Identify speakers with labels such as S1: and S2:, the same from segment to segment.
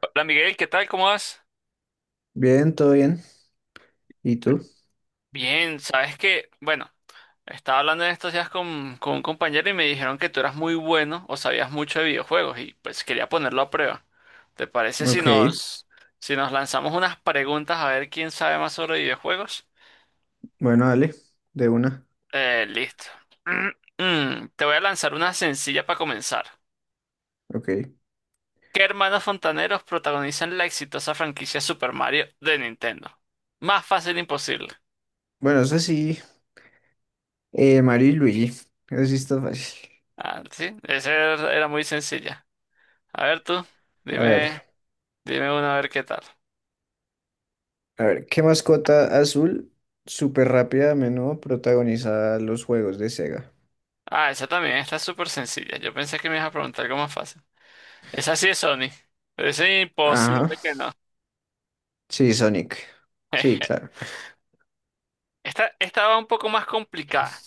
S1: Hola Miguel, ¿qué tal? ¿Cómo vas?
S2: Bien, todo bien. ¿Y tú?
S1: Bien, sabes que, bueno, estaba hablando en estos días con un compañero y me dijeron que tú eras muy bueno o sabías mucho de videojuegos y pues quería ponerlo a prueba. ¿Te parece
S2: Ok,
S1: si nos lanzamos unas preguntas a ver quién sabe más sobre videojuegos?
S2: bueno, dale, de una.
S1: Listo. Te voy a lanzar una sencilla para comenzar.
S2: Ok.
S1: ¿Qué hermanos fontaneros protagonizan la exitosa franquicia Super Mario de Nintendo? Más fácil imposible.
S2: Bueno, eso sí, Mario y Luigi. Eso sí está fácil.
S1: Ah, sí, esa era muy sencilla. A ver tú,
S2: A ver,
S1: dime, dime una a ver qué tal.
S2: a ver, ¿qué mascota azul súper rápida a menudo protagoniza los juegos de Sega?
S1: Ah, esa también está súper sencilla. Yo pensé que me ibas a preguntar algo más fácil. Esa sí es Sony. Pero es
S2: Ajá,
S1: imposible que no.
S2: sí, Sonic. Sí, claro.
S1: Esta va un poco más complicada.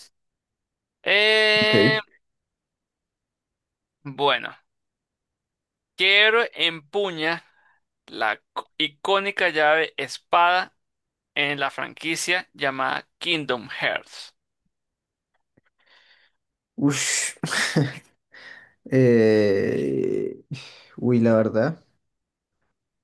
S1: Eh,
S2: Ok.
S1: bueno, ¿Qué héroe empuña la icónica llave espada en la franquicia llamada Kingdom Hearts?
S2: Ush. Eh, Uy, la verdad.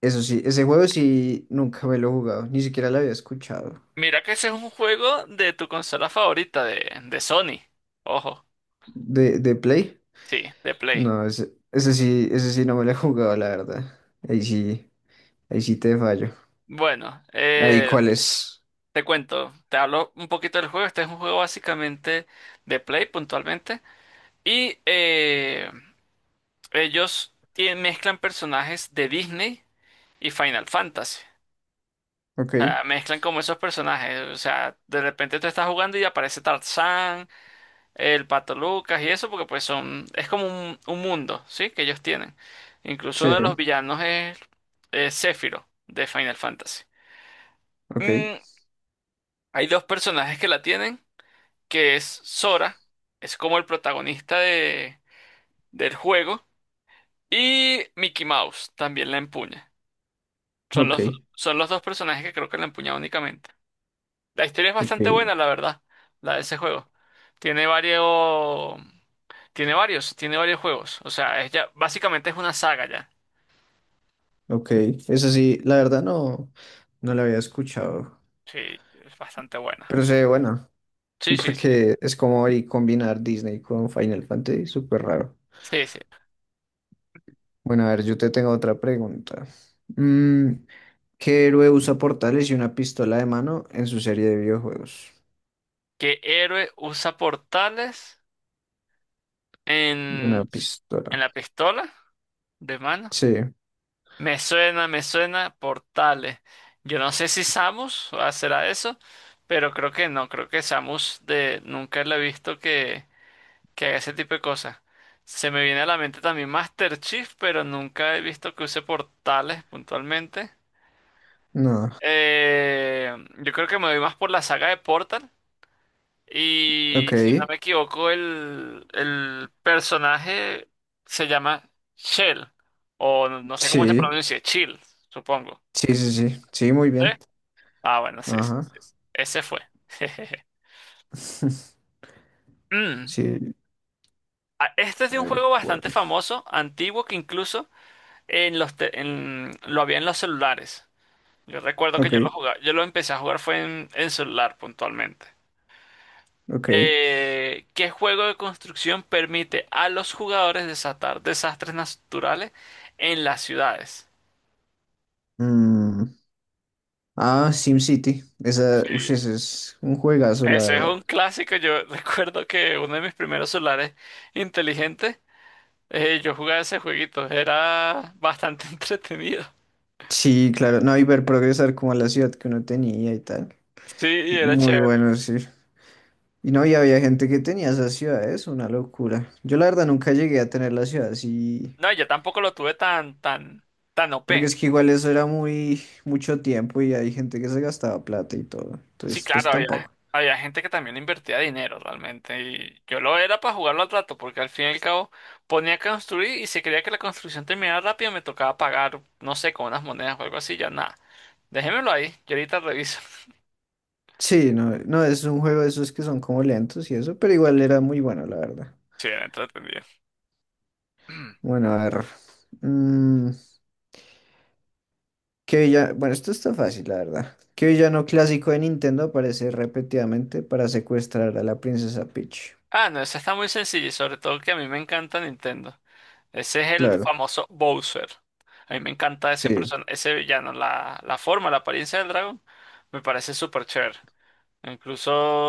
S2: Eso sí, ese juego sí nunca me lo he jugado, ni siquiera lo había escuchado.
S1: Mira que ese es un juego de tu consola favorita de Sony. Ojo,
S2: ¿De Play?
S1: sí, de Play.
S2: No, ese sí no me lo he jugado, la verdad. Ahí sí, ahí sí te fallo.
S1: Bueno,
S2: Ahí, ¿cuál es?
S1: te cuento, te hablo un poquito del juego. Este es un juego básicamente de Play puntualmente. Y ellos mezclan personajes de Disney y Final Fantasy.
S2: Ok,
S1: O mezclan como esos personajes. O sea, de repente tú estás jugando y aparece Tarzán, el Pato Lucas y eso, porque pues son, es como un mundo, ¿sí? Que ellos tienen. Incluso
S2: sí,
S1: uno de los villanos es Sephiroth de Final Fantasy.
S2: ok,
S1: Mm, hay dos personajes que la tienen. Que es Sora, es como el protagonista del juego, y Mickey Mouse también la empuña. Son
S2: ok,
S1: son los dos personajes que creo que la empuña únicamente. La historia es
S2: ok,
S1: bastante buena, la verdad, la de ese juego. Tiene varios, tiene varios juegos. O sea, es ya, básicamente es una saga ya.
S2: ok. Ese sí, la verdad no, no lo había escuchado.
S1: Sí, es bastante buena.
S2: Pero se ve bueno,
S1: Sí, sí, sí.
S2: porque es como ahí combinar Disney con Final Fantasy, súper raro.
S1: Sí, sí.
S2: Bueno, a ver, yo te tengo otra pregunta. Mm, ¿Qué héroe usa portales y una pistola de mano en su serie de videojuegos?
S1: ¿Qué héroe usa portales
S2: Y una
S1: en, en
S2: pistola.
S1: la pistola de mano?
S2: Sí,
S1: Me suena, Portales. Yo no sé si Samus será eso, pero creo que no, creo que Samus de nunca la he visto que haga ese tipo de cosas. Se me viene a la mente también Master Chief, pero nunca he visto que use portales puntualmente.
S2: no.
S1: Eh, yo creo que me voy más por la saga de Portal.
S2: Ok,
S1: Y si no me equivoco, el personaje se llama Shell. O no sé cómo se
S2: sí,
S1: pronuncia, Chill, supongo.
S2: sí, sí, sí, sí, muy
S1: ¿Sí?
S2: bien.
S1: Ah, bueno, sí, sí,
S2: Ajá.
S1: sí, sí. Ese fue. Mm.
S2: Sí,
S1: Ah, este es de un
S2: el
S1: juego bastante
S2: cuerno.
S1: famoso, antiguo, que incluso en los te- en- lo había en los celulares. Yo recuerdo que
S2: Ok,
S1: yo lo jugaba, yo lo empecé a jugar fue en celular puntualmente.
S2: ok.
S1: ¿Qué juego de construcción permite a los jugadores desatar desastres naturales en las ciudades?
S2: Mm, Ah, SimCity. Esa, uy,
S1: Sí,
S2: ese es un juegazo, la
S1: ese es
S2: verdad.
S1: un clásico. Yo recuerdo que uno de mis primeros celulares inteligentes yo jugaba ese jueguito, era bastante entretenido.
S2: Sí, claro. No, y ver progresar como a la ciudad que uno tenía y tal.
S1: Sí, era
S2: Muy
S1: chévere.
S2: bueno, sí. Y no, y había gente que tenía esas ciudades, una locura. Yo la verdad nunca llegué a tener las ciudades. Y
S1: No, yo tampoco lo tuve tan
S2: porque
S1: OP.
S2: es que igual eso era muy mucho tiempo y hay gente que se gastaba plata y todo.
S1: Sí,
S2: Entonces, pues
S1: claro,
S2: tampoco.
S1: había gente que también invertía dinero realmente. Y yo lo era para jugarlo al rato, porque al fin y al cabo ponía a construir y si quería que la construcción terminara rápido, me tocaba pagar, no sé, con unas monedas o algo así, ya nada. Déjemelo ahí, yo ahorita reviso.
S2: Sí, no, no, es un juego de esos que son como lentos y eso, pero igual era muy bueno, la verdad.
S1: Sí, era entretenido.
S2: Bueno, a ver. mm, ¿Qué villano? Bueno, esto está fácil, la verdad. ¿Qué villano clásico de Nintendo aparece repetidamente para secuestrar a la princesa Peach?
S1: Ah, no, eso está muy sencillo y sobre todo que a mí me encanta Nintendo. Ese es el
S2: Claro,
S1: famoso Bowser. A mí me encanta ese
S2: sí,
S1: person ese villano, la forma, la apariencia del dragón, me parece súper chévere.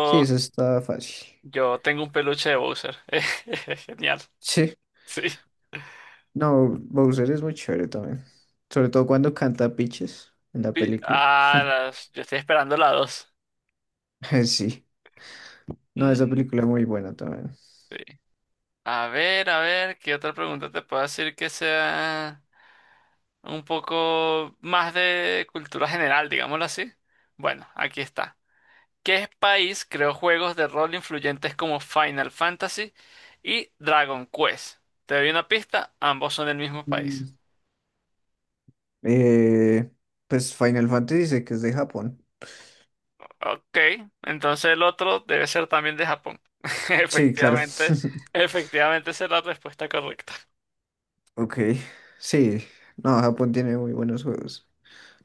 S2: sí, eso está fácil.
S1: yo tengo un peluche de Bowser. Es genial.
S2: Sí,
S1: Sí.
S2: no, Bowser es muy chévere también. Sobre todo cuando canta Peaches en la película.
S1: Yo estoy esperando la 2.
S2: Sí, no, esa
S1: Sí.
S2: película es muy buena también.
S1: A ver, ¿qué otra pregunta te puedo decir que sea un poco más de cultura general, digámoslo así? Bueno, aquí está. ¿Qué país creó juegos de rol influyentes como Final Fantasy y Dragon Quest? Te doy una pista, ambos son del mismo país.
S2: Eh, pues Final Fantasy dice que es de Japón.
S1: Ok, entonces el otro debe ser también de Japón.
S2: Sí, claro.
S1: Efectivamente, efectivamente esa es la respuesta correcta.
S2: Ok, sí. No, Japón tiene muy buenos juegos,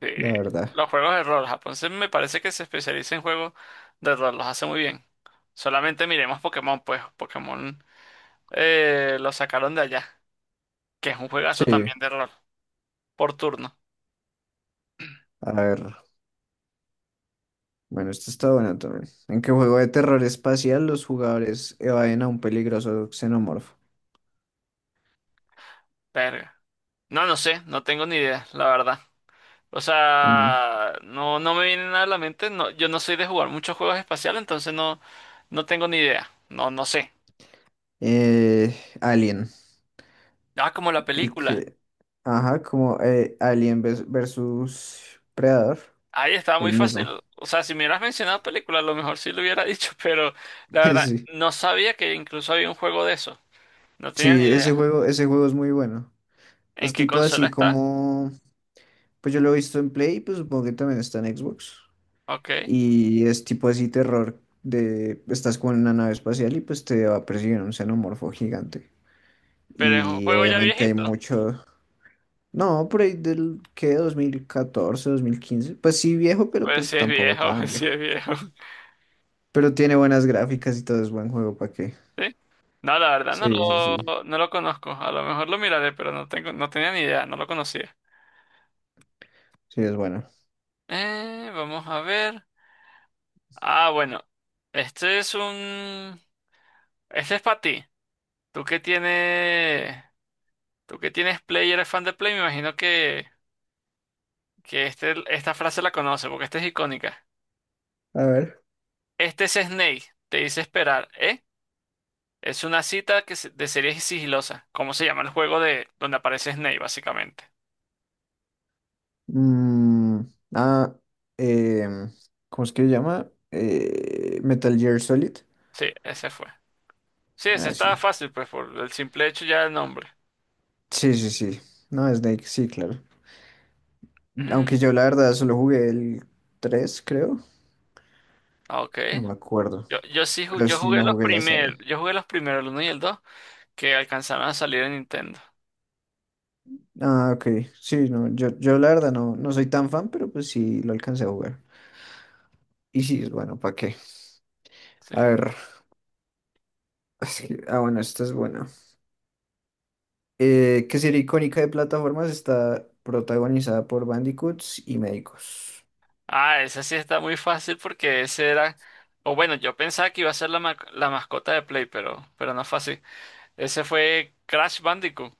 S1: Sí,
S2: la verdad.
S1: los juegos de rol, Japón me parece que se especializa en juegos de rol, los hace muy bien. Solamente miremos Pokémon, pues Pokémon lo sacaron de allá, que es un juegazo
S2: Sí,
S1: también de rol, por turno.
S2: a ver. Bueno, esto está bueno también. ¿En qué juego de terror espacial los jugadores evaden a un peligroso xenomorfo?
S1: Verga. No, no sé, no tengo ni idea, la verdad. O
S2: En,
S1: sea, no, no me viene nada a la mente. No, yo no soy de jugar muchos juegos espaciales, entonces no, no tengo ni idea. No, no sé.
S2: eh, Alien.
S1: Ah, como la
S2: El
S1: película.
S2: que... Ajá, como Alien versus Predador.
S1: Ahí estaba muy
S2: El
S1: fácil.
S2: mismo.
S1: O sea, si me hubieras mencionado película, a lo mejor sí lo hubiera dicho, pero la verdad,
S2: Sí.
S1: no sabía que incluso había un juego de eso. No tenía
S2: Sí,
S1: ni
S2: ese
S1: idea.
S2: juego, ese juego es muy bueno.
S1: ¿En
S2: Es
S1: qué
S2: tipo
S1: consola
S2: así
S1: está?
S2: como... Pues yo lo he visto en Play, pues supongo que también está en Xbox.
S1: Ok.
S2: Y es tipo así terror de estás con una nave espacial y pues te va a perseguir un xenomorfo gigante.
S1: Pero es un
S2: Y
S1: juego ya
S2: obviamente hay
S1: viejito.
S2: mucho... No, por ahí del que 2014 2015. Pues sí viejo, pero
S1: Pues sí
S2: pues
S1: es
S2: tampoco
S1: viejo,
S2: tan
S1: sí
S2: viejo.
S1: es viejo.
S2: Pero tiene buenas gráficas y todo es buen juego, ¿para qué?
S1: ¿Sí? No, la verdad
S2: Sí, sí, sí.
S1: no lo conozco. A lo mejor lo miraré, pero no tengo, no tenía ni idea, no lo conocía.
S2: Sí, es bueno.
S1: Vamos a ver. Ah, bueno. Este es un... Este es para ti. Tú que tienes... Tú que tienes Play y eres fan de Play, me imagino que este, esta frase la conoces, porque esta es icónica.
S2: A ver.
S1: Este es Snake, te dice esperar, ¿eh? Es una cita de serie sigilosa. ¿Cómo se llama el juego de donde aparece Snake, básicamente?
S2: mm, ah, em, ¿Cómo es que se llama? Metal Gear Solid.
S1: Sí, ese fue. Sí, ese
S2: Ah,
S1: estaba
S2: sí.
S1: fácil, pues por el simple hecho ya del nombre.
S2: Sí, sí, sí. No, Snake, sí, claro.
S1: Ujú,
S2: Aunque yo la verdad solo jugué el 3 creo.
S1: ok.
S2: No me acuerdo. Pero
S1: Yo
S2: sí,
S1: jugué
S2: no
S1: los
S2: jugué la saga.
S1: primeros, yo jugué los primeros, el 1 y el 2 que alcanzaron a salir en Nintendo.
S2: Ah, ok. Sí, no, yo la verdad no, no soy tan fan, pero pues sí lo alcancé a jugar. Y sí, bueno, ¿para qué?
S1: Sí.
S2: A ver. Ah, bueno, esta es buena. ¿Qué serie icónica de plataformas está protagonizada por Bandicoots y médicos?
S1: Ah, ese sí está muy fácil porque ese era, o bueno, yo pensaba que iba a ser la mascota de Play, pero no fue así. Ese fue Crash Bandicoot.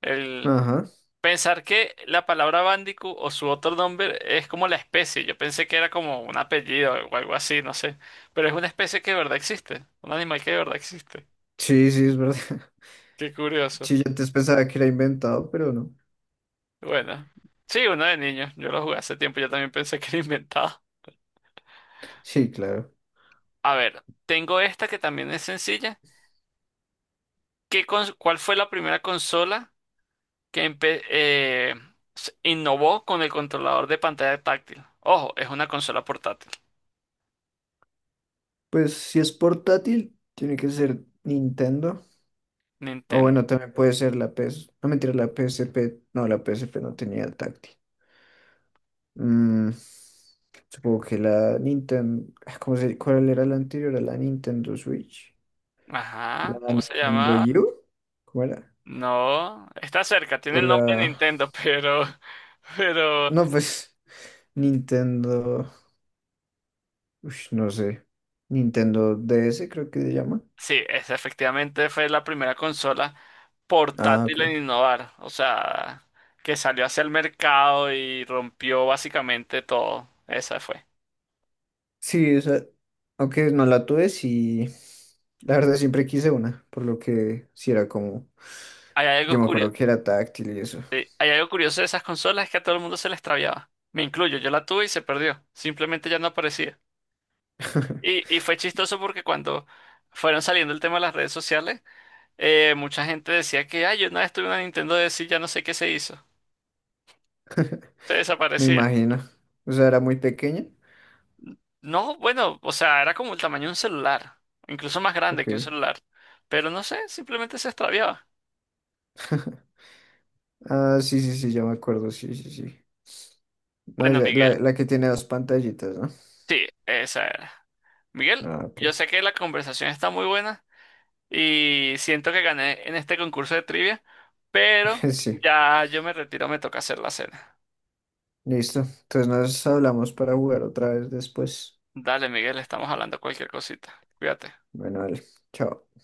S1: El
S2: Ajá.
S1: Pensar que la palabra Bandicoot o su otro nombre es como la especie. Yo pensé que era como un apellido o algo así, no sé. Pero es una especie que de verdad existe. Un animal que de verdad existe.
S2: Sí, sí, es verdad.
S1: Qué curioso.
S2: Sí, yo antes pensaba que era inventado, pero no.
S1: Bueno, sí, uno de niños. Yo lo jugué hace tiempo. Yo también pensé que era inventado.
S2: Sí, claro.
S1: A ver, tengo esta que también es sencilla. ¿Cuál fue la primera consola que innovó con el controlador de pantalla táctil? Ojo, es una consola portátil.
S2: Pues si es portátil, tiene que ser Nintendo. O
S1: Nintendo.
S2: bueno, también puede ser la PS. No mentira, la PSP. No, la PSP no tenía táctil. Mm, Supongo que la Nintendo. Cuál era la anterior? ¿a la Nintendo Switch? ¿La
S1: Ajá, ¿cómo se
S2: Nintendo
S1: llama?
S2: U? ¿Cómo era?
S1: No, está cerca, tiene
S2: O
S1: el
S2: la.
S1: nombre de Nintendo, pero
S2: No, pues. Nintendo. Ush, no sé. Nintendo DS, creo que se llama.
S1: sí, esa efectivamente fue la primera consola
S2: Ah, ok.
S1: portátil en innovar, o sea, que salió hacia el mercado y rompió básicamente todo. Esa fue.
S2: Sí, o sea, aunque no la tuve, sí, la verdad siempre quise una, por lo que sí era como,
S1: Hay
S2: yo
S1: algo
S2: me
S1: curioso,
S2: acuerdo que era táctil y eso.
S1: hay algo curioso de esas consolas es que a todo el mundo se le extraviaba. Me incluyo, yo la tuve y se perdió, simplemente ya no aparecía. Y, y fue chistoso porque cuando fueron saliendo el tema de las redes sociales, mucha gente decía que, ay, yo una vez tuve una Nintendo DS y ya no sé qué se hizo. Se
S2: Me
S1: desaparecía.
S2: imagino, o sea, era muy pequeña,
S1: No, bueno, o sea, era como el tamaño de un celular, incluso más grande
S2: ok,
S1: que un celular. Pero no sé, simplemente se extraviaba.
S2: ah, sí, sí, sí, ya me acuerdo, sí, sí, sí, no,
S1: Bueno,
S2: ya,
S1: Miguel,
S2: la que tiene dos pantallitas, ¿no?
S1: sí, esa era. Miguel,
S2: Ah, ok,
S1: yo sé que la conversación está muy buena y siento que gané en este concurso de trivia, pero
S2: sí,
S1: ya yo me retiro, me toca hacer la cena.
S2: listo, entonces nos hablamos para jugar otra vez después,
S1: Dale, Miguel, estamos hablando cualquier cosita. Cuídate.
S2: bueno, vale, chao.